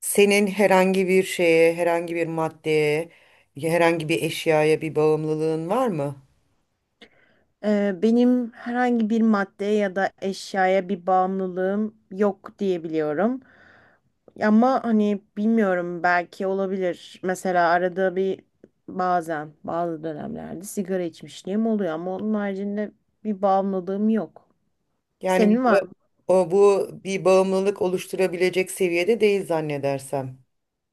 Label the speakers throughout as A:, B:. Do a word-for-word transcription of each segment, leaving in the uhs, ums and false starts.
A: Senin herhangi bir şeye, herhangi bir maddeye, herhangi bir eşyaya bir bağımlılığın var mı?
B: Ee, benim herhangi bir maddeye ya da eşyaya bir bağımlılığım yok diyebiliyorum. Ama hani bilmiyorum, belki olabilir. Mesela arada bir bazen bazı dönemlerde sigara içmişliğim oluyor, ama onun haricinde bir bağımlılığım yok.
A: Yani bir,
B: Senin var
A: ba-
B: mı?
A: o, bu bir bağımlılık oluşturabilecek seviyede değil zannedersem.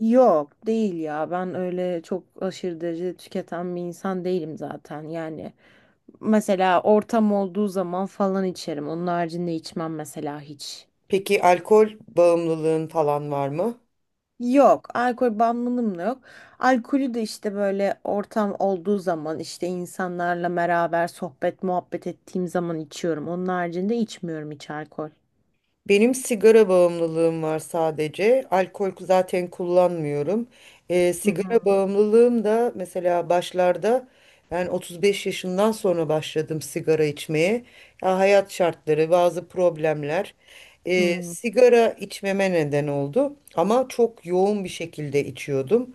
B: Yok değil ya, ben öyle çok aşırı derecede tüketen bir insan değilim zaten yani. Mesela ortam olduğu zaman falan içerim. Onun haricinde içmem mesela hiç.
A: Peki alkol bağımlılığın falan var mı?
B: Yok, alkol bağımlılığım da yok. Alkolü de işte böyle ortam olduğu zaman, işte insanlarla beraber sohbet muhabbet ettiğim zaman içiyorum. Onun haricinde içmiyorum hiç alkol.
A: Benim sigara bağımlılığım var sadece. Alkol zaten kullanmıyorum. Ee,
B: Hı
A: sigara
B: hı.
A: bağımlılığım da mesela başlarda ben otuz beş yaşından sonra başladım sigara içmeye. Ya hayat şartları, bazı problemler
B: Hı
A: e,
B: hı.
A: sigara içmeme neden oldu. Ama çok yoğun bir şekilde içiyordum.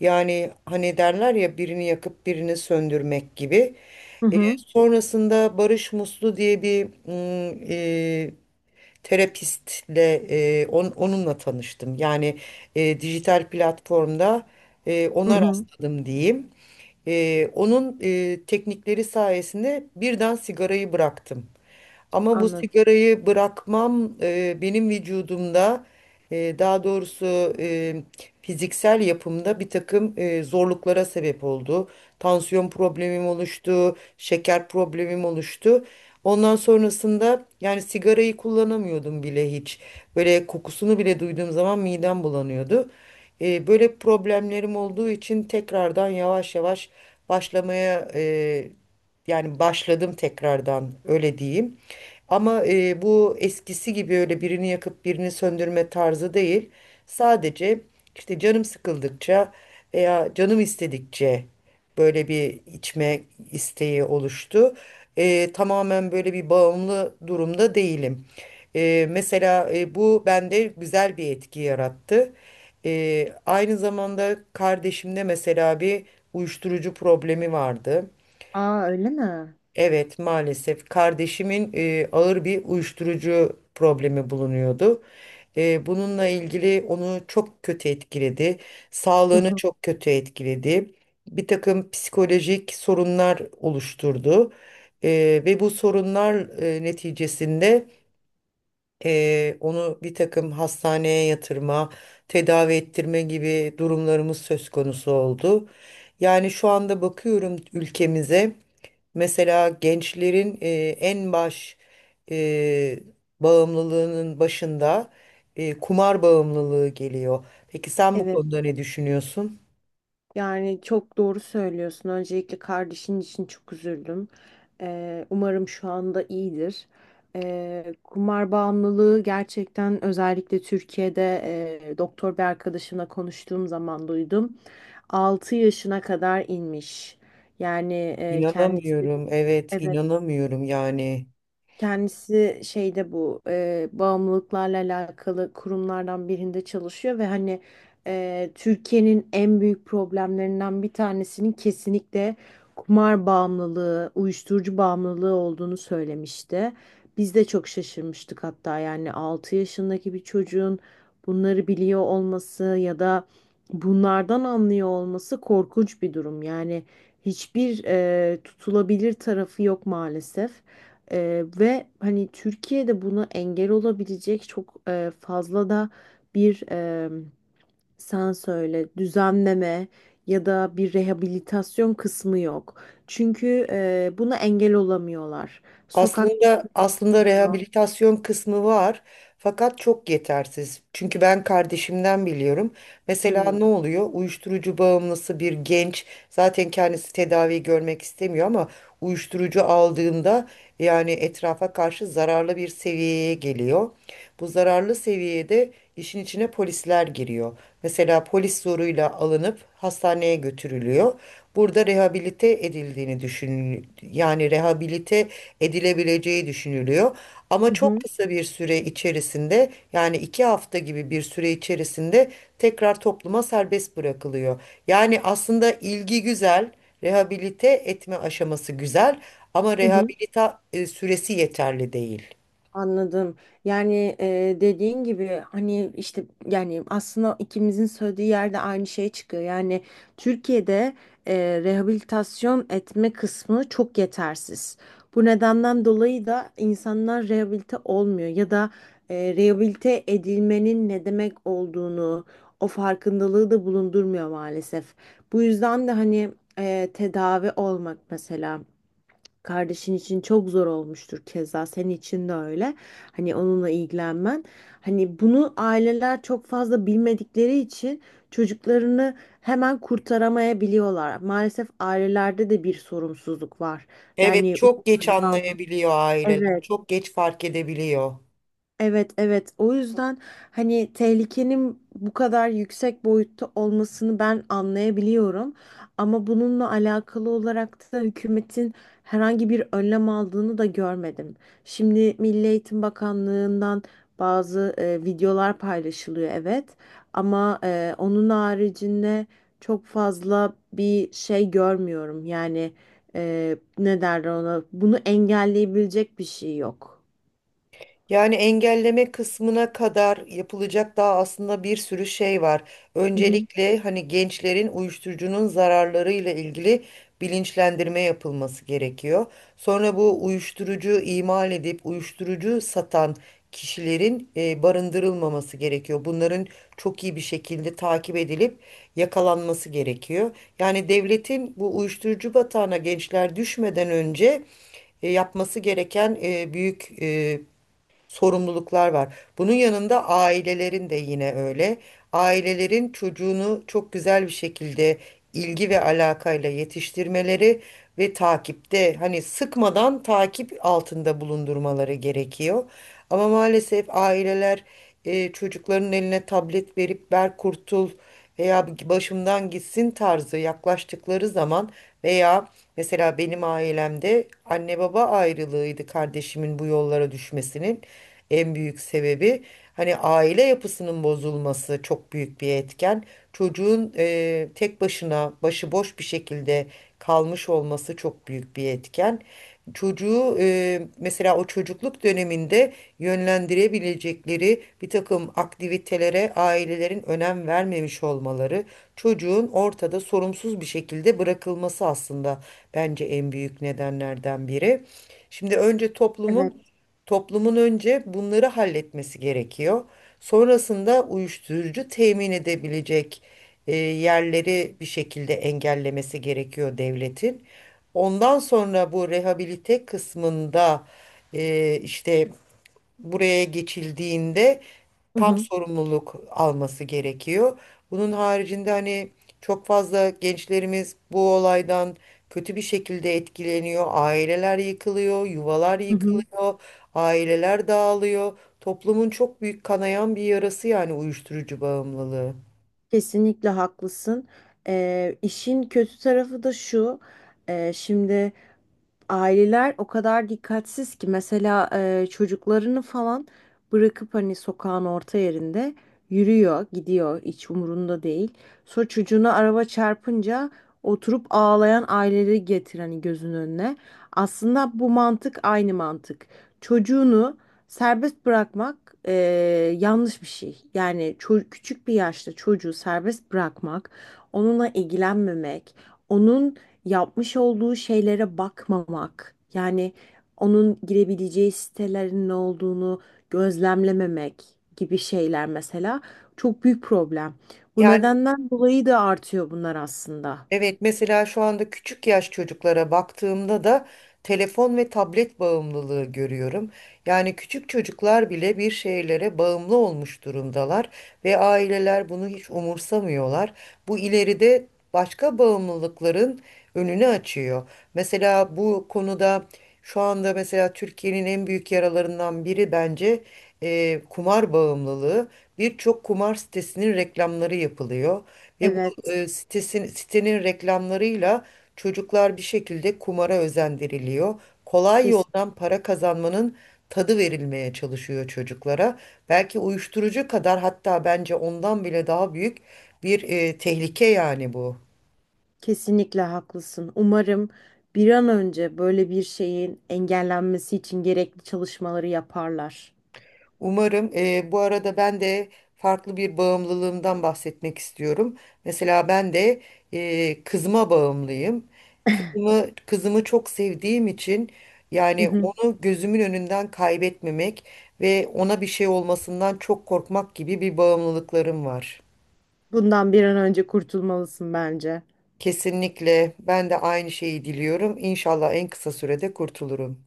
A: Yani hani derler ya birini yakıp birini söndürmek gibi.
B: Hı
A: E,
B: hı.
A: sonrasında Barış Muslu diye bir mm, e, terapistle e, on- onunla tanıştım. Yani e, dijital platformda e,
B: Hı
A: ona
B: hı.
A: rastladım diyeyim. Ee, onun e, teknikleri sayesinde birden sigarayı bıraktım. Ama bu
B: Anladım.
A: sigarayı bırakmam e, benim vücudumda e, daha doğrusu e, fiziksel yapımda bir takım e, zorluklara sebep oldu. Tansiyon problemim oluştu, şeker problemim oluştu. Ondan sonrasında yani sigarayı kullanamıyordum bile hiç. Böyle kokusunu bile duyduğum zaman midem bulanıyordu. E, böyle problemlerim olduğu için tekrardan yavaş yavaş başlamaya e, yani başladım tekrardan öyle diyeyim. Ama e, bu eskisi gibi öyle birini yakıp birini söndürme tarzı değil. Sadece işte canım sıkıldıkça veya canım istedikçe böyle bir içme isteği oluştu. E, tamamen böyle bir bağımlı durumda değilim. E, mesela e, bu bende güzel bir etki yarattı. E, aynı zamanda kardeşimde mesela bir uyuşturucu problemi vardı.
B: Aa, öyle mi?
A: Evet, maalesef kardeşimin e, ağır bir uyuşturucu problemi bulunuyordu. E, bununla ilgili onu çok kötü etkiledi.
B: Hı
A: Sağlığını
B: hı.
A: çok kötü etkiledi. Bir takım psikolojik sorunlar oluşturdu. E, ve bu sorunlar e, neticesinde e, onu bir takım hastaneye yatırma, tedavi ettirme gibi durumlarımız söz konusu oldu. Yani şu anda bakıyorum ülkemize. Mesela gençlerin e, en baş e, bağımlılığının başında e, kumar bağımlılığı geliyor. Peki sen bu
B: Evet.
A: konuda ne düşünüyorsun?
B: Yani çok doğru söylüyorsun. Öncelikle kardeşin için çok üzüldüm. Ee, umarım şu anda iyidir. Ee, kumar bağımlılığı gerçekten özellikle Türkiye'de e, doktor bir arkadaşımla konuştuğum zaman duydum. Altı yaşına kadar inmiş. Yani e, kendisi,
A: İnanamıyorum. Evet,
B: evet.
A: inanamıyorum yani.
B: Kendisi şeyde, bu e, bağımlılıklarla alakalı kurumlardan birinde çalışıyor ve hani e, Türkiye'nin en büyük problemlerinden bir tanesinin kesinlikle kumar bağımlılığı, uyuşturucu bağımlılığı olduğunu söylemişti. Biz de çok şaşırmıştık hatta, yani altı yaşındaki bir çocuğun bunları biliyor olması ya da bunlardan anlıyor olması korkunç bir durum. Yani hiçbir e, tutulabilir tarafı yok maalesef. Ee, ve hani Türkiye'de buna engel olabilecek çok e, fazla da bir e, sen söyle düzenleme ya da bir rehabilitasyon kısmı yok. Çünkü e, buna engel olamıyorlar. Sokak.
A: Aslında aslında rehabilitasyon kısmı var. Fakat çok yetersiz. Çünkü ben kardeşimden biliyorum.
B: Hı
A: Mesela
B: hı.
A: ne oluyor? Uyuşturucu bağımlısı bir genç zaten kendisi tedavi görmek istemiyor ama uyuşturucu aldığında yani etrafa karşı zararlı bir seviyeye geliyor. Bu zararlı seviyede işin içine polisler giriyor. Mesela polis zoruyla alınıp hastaneye götürülüyor. Burada rehabilite edildiğini düşün, yani rehabilite edilebileceği düşünülüyor. Ama çok kısa bir süre içerisinde, yani iki hafta gibi bir süre içerisinde, tekrar topluma serbest bırakılıyor. Yani aslında ilgi güzel, rehabilite etme aşaması güzel ama
B: Hı hı.
A: rehabilita e, süresi yeterli değil.
B: Anladım. Yani e, dediğin gibi, hani işte, yani aslında ikimizin söylediği yerde aynı şey çıkıyor. Yani Türkiye'de e, rehabilitasyon etme kısmı çok yetersiz. Bu nedenden dolayı da insanlar rehabilite olmuyor ya da e, rehabilite edilmenin ne demek olduğunu, o farkındalığı da bulundurmuyor maalesef. Bu yüzden de hani e, tedavi olmak mesela. Kardeşin için çok zor olmuştur, keza senin için de öyle. Hani onunla ilgilenmen. Hani bunu aileler çok fazla bilmedikleri için çocuklarını hemen kurtaramayabiliyorlar. Maalesef ailelerde de bir sorumsuzluk var.
A: Evet,
B: Yani.
A: çok geç anlayabiliyor aileler,
B: Evet.
A: çok geç fark edebiliyor.
B: Evet, evet, o yüzden hani tehlikenin bu kadar yüksek boyutta olmasını ben anlayabiliyorum, ama bununla alakalı olarak da hükümetin herhangi bir önlem aldığını da görmedim. Şimdi Milli Eğitim Bakanlığı'ndan bazı e, videolar paylaşılıyor, evet, ama e, onun haricinde çok fazla bir şey görmüyorum, yani e, ne derler ona, bunu engelleyebilecek bir şey yok.
A: Yani engelleme kısmına kadar yapılacak daha aslında bir sürü şey var.
B: Hı hı.
A: Öncelikle hani gençlerin uyuşturucunun zararlarıyla ilgili bilinçlendirme yapılması gerekiyor. Sonra bu uyuşturucu imal edip uyuşturucu satan kişilerin e, barındırılmaması gerekiyor. Bunların çok iyi bir şekilde takip edilip yakalanması gerekiyor. Yani devletin bu uyuşturucu batağına gençler düşmeden önce e, yapması gereken e, büyük e, sorumluluklar var. Bunun yanında ailelerin de yine öyle. Ailelerin çocuğunu çok güzel bir şekilde ilgi ve alakayla yetiştirmeleri ve takipte hani sıkmadan takip altında bulundurmaları gerekiyor. Ama maalesef aileler e, çocukların eline tablet verip ver kurtul veya başımdan gitsin tarzı yaklaştıkları zaman veya mesela benim ailemde anne baba ayrılığıydı kardeşimin bu yollara düşmesinin en büyük sebebi. Hani aile yapısının bozulması çok büyük bir etken. Çocuğun eee, tek başına başıboş bir şekilde kalmış olması çok büyük bir etken. Çocuğu e, mesela o çocukluk döneminde yönlendirebilecekleri bir takım aktivitelere ailelerin önem vermemiş olmaları, çocuğun ortada sorumsuz bir şekilde bırakılması aslında bence en büyük nedenlerden biri. Şimdi önce
B: Evet.
A: toplumun Toplumun önce bunları halletmesi gerekiyor. Sonrasında uyuşturucu temin edebilecek e, yerleri bir şekilde engellemesi gerekiyor devletin. Ondan sonra bu rehabilite kısmında e, işte buraya geçildiğinde
B: Hı
A: tam
B: hı.
A: sorumluluk alması gerekiyor. Bunun haricinde hani çok fazla gençlerimiz bu olaydan kötü bir şekilde etkileniyor. Aileler yıkılıyor, yuvalar
B: Hı hı.
A: yıkılıyor, aileler dağılıyor. Toplumun çok büyük kanayan bir yarası yani uyuşturucu bağımlılığı.
B: Kesinlikle haklısın. Ee, işin kötü tarafı da şu. E, şimdi aileler o kadar dikkatsiz ki, mesela e, çocuklarını falan bırakıp hani sokağın orta yerinde yürüyor, gidiyor, hiç umurunda değil. Sonra çocuğuna araba çarpınca oturup ağlayan aileleri getir hani gözünün önüne. Aslında bu mantık aynı mantık. Çocuğunu serbest bırakmak e, yanlış bir şey. Yani ço- küçük bir yaşta çocuğu serbest bırakmak, onunla ilgilenmemek, onun yapmış olduğu şeylere bakmamak, yani onun girebileceği sitelerin ne olduğunu gözlemlememek gibi şeyler mesela çok büyük problem. Bu
A: Yani
B: nedenden dolayı da artıyor bunlar aslında.
A: Evet, mesela şu anda küçük yaş çocuklara baktığımda da telefon ve tablet bağımlılığı görüyorum. Yani küçük çocuklar bile bir şeylere bağımlı olmuş durumdalar ve aileler bunu hiç umursamıyorlar. Bu ileride başka bağımlılıkların önünü açıyor. Mesela bu konuda şu anda mesela Türkiye'nin en büyük yaralarından biri bence eee, kumar bağımlılığı. Birçok kumar sitesinin reklamları yapılıyor. Ve
B: Evet,
A: e, sitesin, sitenin reklamlarıyla çocuklar bir şekilde kumara özendiriliyor. Kolay
B: kes-
A: yoldan para kazanmanın tadı verilmeye çalışıyor çocuklara. Belki uyuşturucu kadar, hatta bence ondan bile daha büyük bir e, tehlike yani bu.
B: kesinlikle haklısın. Umarım bir an önce böyle bir şeyin engellenmesi için gerekli çalışmaları yaparlar.
A: Umarım eee, bu arada ben de farklı bir bağımlılığımdan bahsetmek istiyorum. Mesela ben de eee, kızıma bağımlıyım. Kızımı, kızımı çok sevdiğim için
B: Hı
A: yani
B: hı.
A: onu gözümün önünden kaybetmemek ve ona bir şey olmasından çok korkmak gibi bir bağımlılıklarım var.
B: Bundan bir an önce kurtulmalısın bence.
A: Kesinlikle ben de aynı şeyi diliyorum. İnşallah en kısa sürede kurtulurum.